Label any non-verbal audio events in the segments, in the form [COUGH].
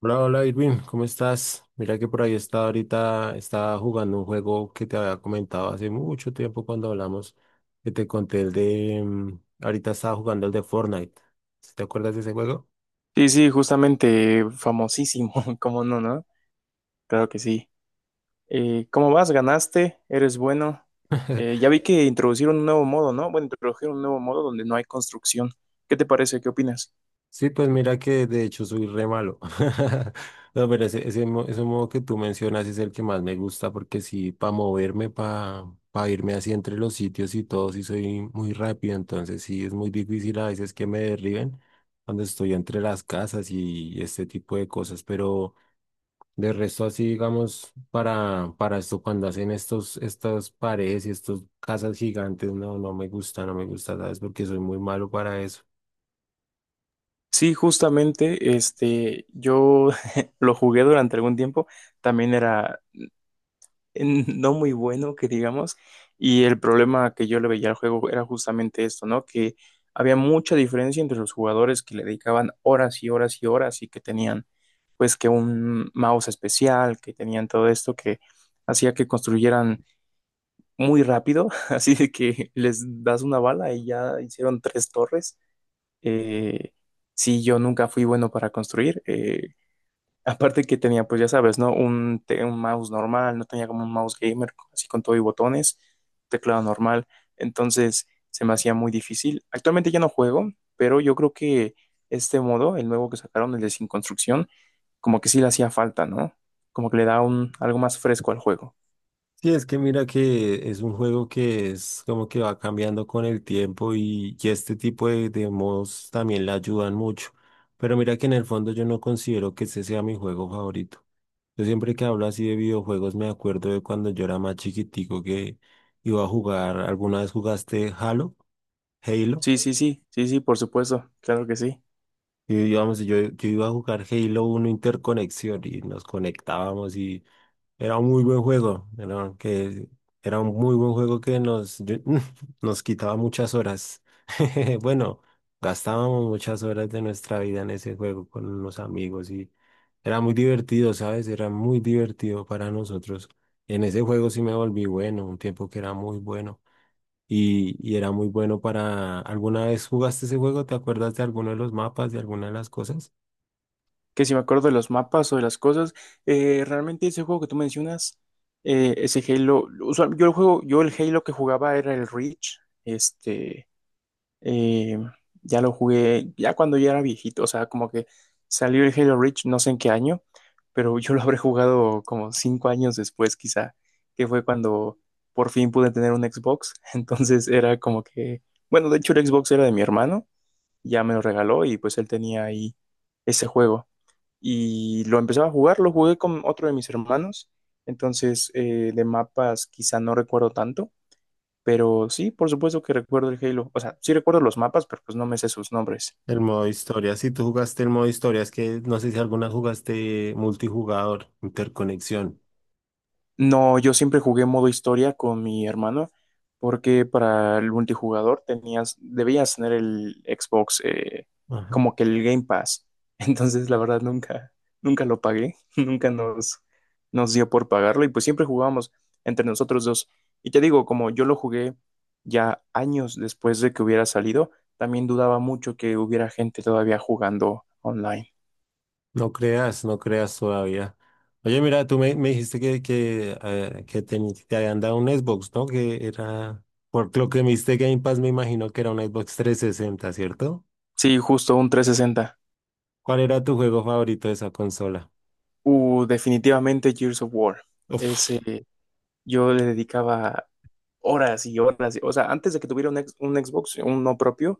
Hola, hola Irving, ¿cómo estás? Mira que por ahí estaba ahorita, estaba jugando un juego que te había comentado hace mucho tiempo cuando hablamos, que te conté el de, ahorita estaba jugando el de Fortnite. ¿Sí? ¿Te acuerdas de ese juego? Sí, sí, justamente famosísimo, [LAUGHS] ¿cómo no, no? Claro que sí. ¿Cómo vas? ¿Ganaste? ¿Eres bueno? [LAUGHS] Ya vi que introducieron un nuevo modo, ¿no? Bueno, introdujeron un nuevo modo donde no hay construcción. ¿Qué te parece? ¿Qué opinas? Sí, pues mira que de hecho soy re malo. [LAUGHS] No, pero ese modo que tú mencionas es el que más me gusta porque sí, para moverme, para irme así entre los sitios y todo, sí soy muy rápido. Entonces sí, es muy difícil a veces que me derriben cuando estoy entre las casas y este tipo de cosas. Pero de resto así, digamos, para esto, cuando hacen estas paredes y estas casas gigantes, no, no me gusta, no me gusta, ¿sabes? Porque soy muy malo para eso. Sí, justamente, yo [LAUGHS] lo jugué durante algún tiempo. También era no muy bueno, que digamos, y el problema que yo le veía al juego era justamente esto, ¿no? Que había mucha diferencia entre los jugadores que le dedicaban horas y horas y horas y que tenían pues que un mouse especial, que tenían todo esto que hacía que construyeran muy rápido, [LAUGHS] así de que les das una bala y ya hicieron tres torres. Eh, sí, yo nunca fui bueno para construir, aparte que tenía, pues ya sabes, ¿no? Un mouse normal, no tenía como un mouse gamer, así con todo y botones, teclado normal. Entonces se me hacía muy difícil. Actualmente ya no juego, pero yo creo que este modo, el nuevo que sacaron, el de sin construcción, como que sí le hacía falta, ¿no? Como que le da un, algo más fresco al juego. Sí, es que mira que es un juego que es como que va cambiando con el tiempo y este tipo de modos también le ayudan mucho. Pero mira que en el fondo yo no considero que ese sea mi juego favorito. Yo siempre que hablo así de videojuegos me acuerdo de cuando yo era más chiquitico que iba a jugar, ¿alguna vez jugaste Halo? Halo. Sí, sí, sí, sí, sí, por supuesto, claro que sí. Y íbamos, yo iba a jugar Halo Uno Interconexión y nos conectábamos y era un muy buen juego, era un muy buen juego que [LAUGHS] nos quitaba muchas horas. [LAUGHS] Bueno, gastábamos muchas horas de nuestra vida en ese juego con los amigos y era muy divertido, ¿sabes? Era muy divertido para nosotros. En ese juego sí me volví bueno, un tiempo que era muy bueno y era muy bueno para... ¿Alguna vez jugaste ese juego? ¿Te acuerdas de alguno de los mapas, de alguna de las cosas? Que si me acuerdo de los mapas o de las cosas, realmente ese juego que tú mencionas, ese Halo, yo el Halo que jugaba era el Reach, eh, ya lo jugué, ya cuando ya era viejito, o sea, como que salió el Halo Reach, no sé en qué año, pero yo lo habré jugado como 5 años después quizá, que fue cuando por fin pude tener un Xbox, [LAUGHS] entonces era como que, bueno, de hecho el Xbox era de mi hermano, ya me lo regaló y pues él tenía ahí ese juego y lo empezaba a jugar, lo jugué con otro de mis hermanos, entonces de mapas quizá no recuerdo tanto, pero sí, por supuesto que recuerdo el Halo, o sea, sí recuerdo los mapas, pero pues no me sé sus nombres. El modo historia, si tú jugaste el modo historia, es que no sé si alguna jugaste multijugador, interconexión. No, yo siempre jugué modo historia con mi hermano, porque para el multijugador tenías, debías tener el Xbox, Ajá. como que el Game Pass. [LAUGHS] Entonces, la verdad, nunca, nunca lo pagué, [LAUGHS] nunca nos dio por pagarlo, y pues siempre jugábamos entre nosotros dos. Y te digo, como yo lo jugué ya años después de que hubiera salido, también dudaba mucho que hubiera gente todavía jugando online. No creas, no creas todavía. Oye, mira, me dijiste que te habían dado un Xbox, ¿no? Que era, por lo que me diste Game Pass, me imagino que era un Xbox trescientos sesenta, ¿cierto? Sí, justo un 360. ¿Cuál era tu juego favorito de esa consola? Definitivamente Gears of War. Uf, Ese yo le dedicaba horas y horas. O sea, antes de que tuviera un Xbox, uno propio,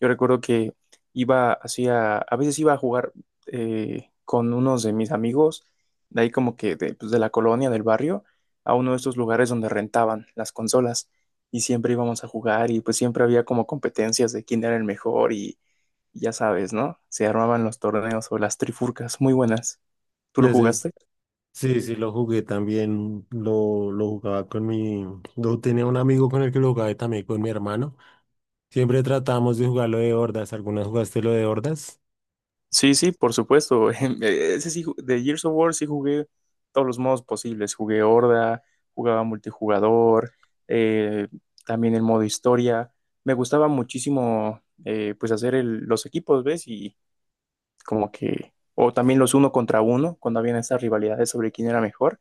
yo recuerdo que iba, hacía, a veces iba a jugar con unos de mis amigos, de ahí como que de la colonia, del barrio, a uno de estos lugares donde rentaban las consolas. Y siempre íbamos a jugar y pues siempre había como competencias de quién era el mejor y ya sabes, ¿no? Se armaban los torneos o las trifurcas, muy buenas. ¿Tú lo ese es- jugaste? sí, sí, lo jugué también, lo jugaba con lo tenía un amigo con el que lo jugaba y también con mi hermano. Siempre tratamos de jugarlo de hordas. ¿Alguna vez jugaste lo de hordas? Sí, sí, por supuesto. [LAUGHS] Ese sí, de Gears of War sí jugué todos los modos posibles. Jugué Horda, jugaba multijugador, eh, también el modo historia. Me gustaba muchísimo, pues, hacer los equipos, ¿ves? Y como que, o también los uno contra uno, cuando habían esas rivalidades sobre quién era mejor,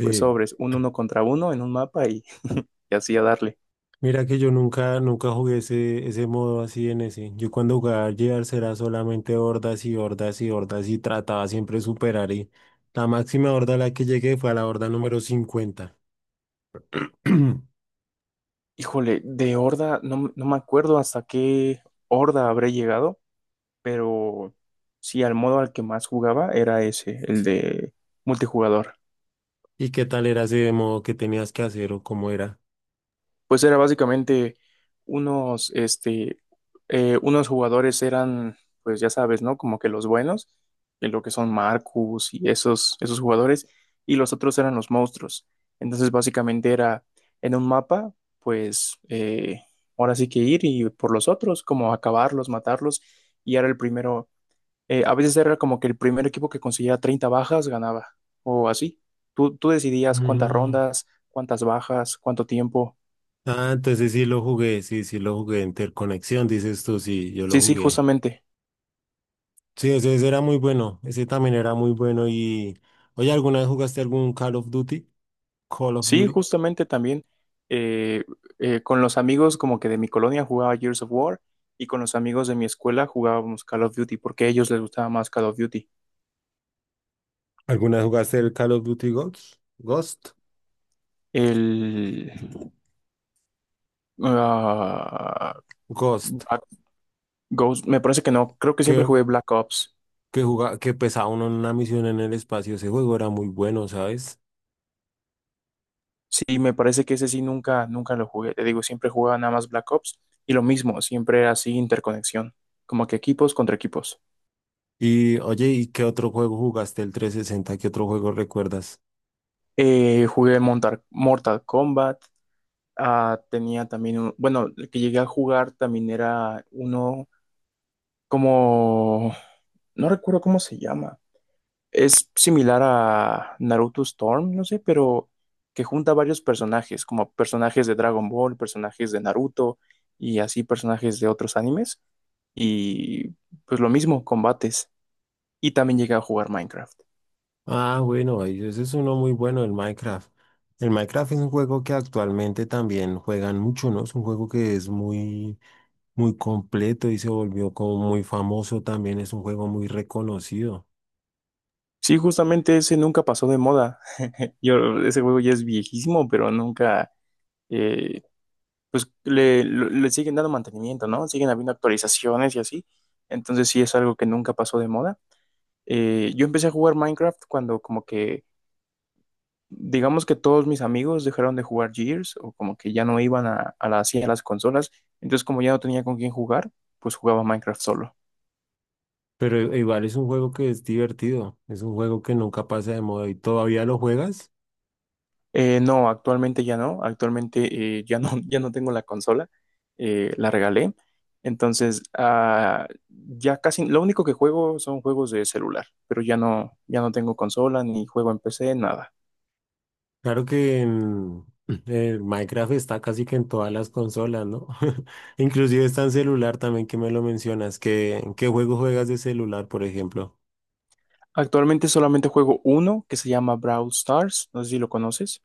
pues sobres, un uno contra uno en un mapa y, [LAUGHS] y así a darle. Mira que yo nunca, nunca jugué ese modo así en ese. Yo cuando jugaba al Gears era solamente hordas y hordas y hordas y trataba siempre de superar. Y la máxima horda a la que llegué fue a la horda número 50. [CLEARS THROAT] Híjole, de Horda, no, no me acuerdo hasta qué Horda habré llegado, pero sí, al modo al que más jugaba era ese, el de multijugador. ¿Y qué tal era ese modo que tenías que hacer o cómo era? Pues era básicamente unos, este, unos jugadores eran, pues ya sabes, ¿no? Como que los buenos, que lo que son Marcus y esos, esos jugadores, y los otros eran los monstruos. Entonces básicamente era en un mapa, pues ahora sí que ir y por los otros, como acabarlos, matarlos, y era el primero. A veces era como que el primer equipo que consiguiera 30 bajas ganaba, o así. Tú decidías cuántas Mm. rondas, cuántas bajas, cuánto tiempo. Ah, entonces sí lo jugué, sí, sí lo jugué. Interconexión, dices tú, sí, yo lo Sí, sí, jugué. justamente. Sí, ese era muy bueno. Ese también era muy bueno. Y, oye, ¿alguna vez jugaste algún Call of Duty? Call of Sí, Duty. justamente también eh, con los amigos como que de mi colonia jugaba Gears of War y con los amigos de mi escuela jugábamos Call of Duty porque a ellos les gustaba más Call of Duty. ¿Alguna vez jugaste el Call of Duty Ghost? Ghost. El... ah, Ghost. Black Ghost, me parece que no, creo que Que, siempre jugué Black Ops. que jugaba, que pesaba uno en una misión en el espacio. Ese juego era muy bueno, ¿sabes? Sí, me parece que ese sí nunca, nunca lo jugué. Te digo, siempre jugaba nada más Black Ops y lo mismo, siempre era así interconexión, como que equipos contra equipos. Y, oye, ¿y qué otro juego jugaste el 360? ¿Qué otro juego recuerdas? Jugué Mortal Kombat, ah, tenía también un, bueno, el que llegué a jugar también era uno como, no recuerdo cómo se llama, es similar a Naruto Storm, no sé, pero que junta varios personajes, como personajes de Dragon Ball, personajes de Naruto y así personajes de otros animes. Y pues lo mismo, combates. Y también llega a jugar Minecraft. Ah, bueno, ese es uno muy bueno, el Minecraft. El Minecraft es un juego que actualmente también juegan mucho, ¿no? Es un juego que es muy muy completo y se volvió como muy famoso también. Es un juego muy reconocido. Sí, justamente ese nunca pasó de moda. [LAUGHS] Yo, ese juego ya es viejísimo, pero nunca, eh, pues le siguen dando mantenimiento, ¿no? Siguen habiendo actualizaciones y así. Entonces sí es algo que nunca pasó de moda. Yo empecé a jugar Minecraft cuando como que, digamos que todos mis amigos dejaron de jugar Gears o como que ya no iban a las consolas, entonces como ya no tenía con quién jugar, pues jugaba Minecraft solo. Pero igual es un juego que es divertido. Es un juego que nunca pasa de moda y todavía lo juegas. No, actualmente ya no, actualmente ya no, [LAUGHS] ya no tengo la consola, la regalé, entonces ah, ya casi, lo único que juego son juegos de celular, pero ya no, ya no tengo consola ni juego en PC, nada. Claro que en, [CLEARS THROAT] el Minecraft está casi que en todas las consolas, ¿no? [LAUGHS] Inclusive está en celular también que me lo mencionas. ¿Qué, en qué juego juegas de celular, por ejemplo? Actualmente solamente juego uno que se llama Brawl Stars, no sé si lo conoces.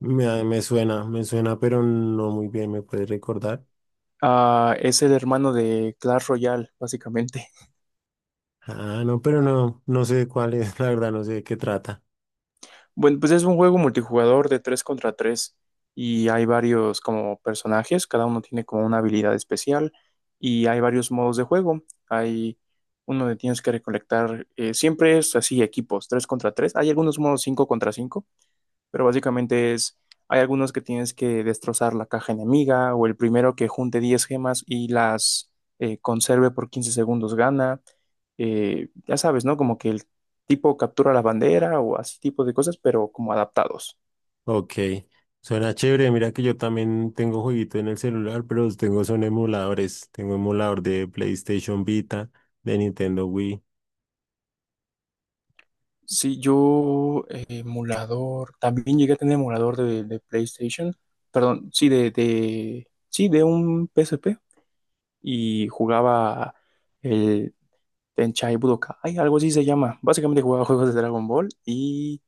Me suena, pero no muy bien. ¿Me puedes recordar? Ah, es el hermano de Clash Royale, básicamente. [LAUGHS] Ah, no, pero no, no sé cuál es, [LAUGHS] la verdad, no sé de qué trata. Bueno, pues es un juego multijugador de 3 contra 3 y hay varios como personajes, cada uno tiene como una habilidad especial y hay varios modos de juego. Hay uno donde tienes que recolectar, siempre es así, equipos 3 contra tres. Hay algunos modos 5 contra cinco, pero básicamente es, hay algunos que tienes que destrozar la caja enemiga o el primero que junte 10 gemas y las conserve por 15 segundos gana. Ya sabes, ¿no? Como que el tipo captura la bandera o así tipo de cosas, pero como adaptados. Ok, suena chévere. Mira que yo también tengo jueguito en el celular, pero tengo son emuladores. Tengo emulador de PlayStation Vita, de Nintendo Wii. Sí, yo emulador, también llegué a tener emulador de PlayStation, perdón, sí, sí, de un PSP y jugaba el Tenchai Budokai, algo así se llama. Básicamente jugaba juegos de Dragon Ball y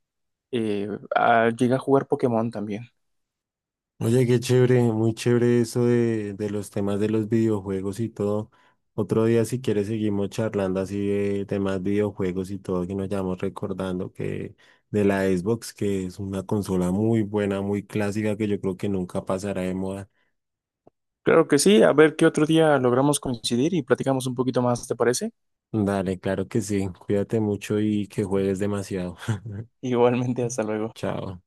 eh, llegué a jugar Pokémon también. Oye, qué chévere, muy chévere eso de los temas de los videojuegos y todo. Otro día, si quieres, seguimos charlando así de temas videojuegos y todo, que nos vayamos recordando que de la Xbox, que es una consola muy buena, muy clásica, que yo creo que nunca pasará de moda. Claro que sí, a ver qué otro día logramos coincidir y platicamos un poquito más, ¿te parece? Dale, claro que sí. Cuídate mucho y que juegues demasiado. Igualmente, hasta [LAUGHS] luego. Chao.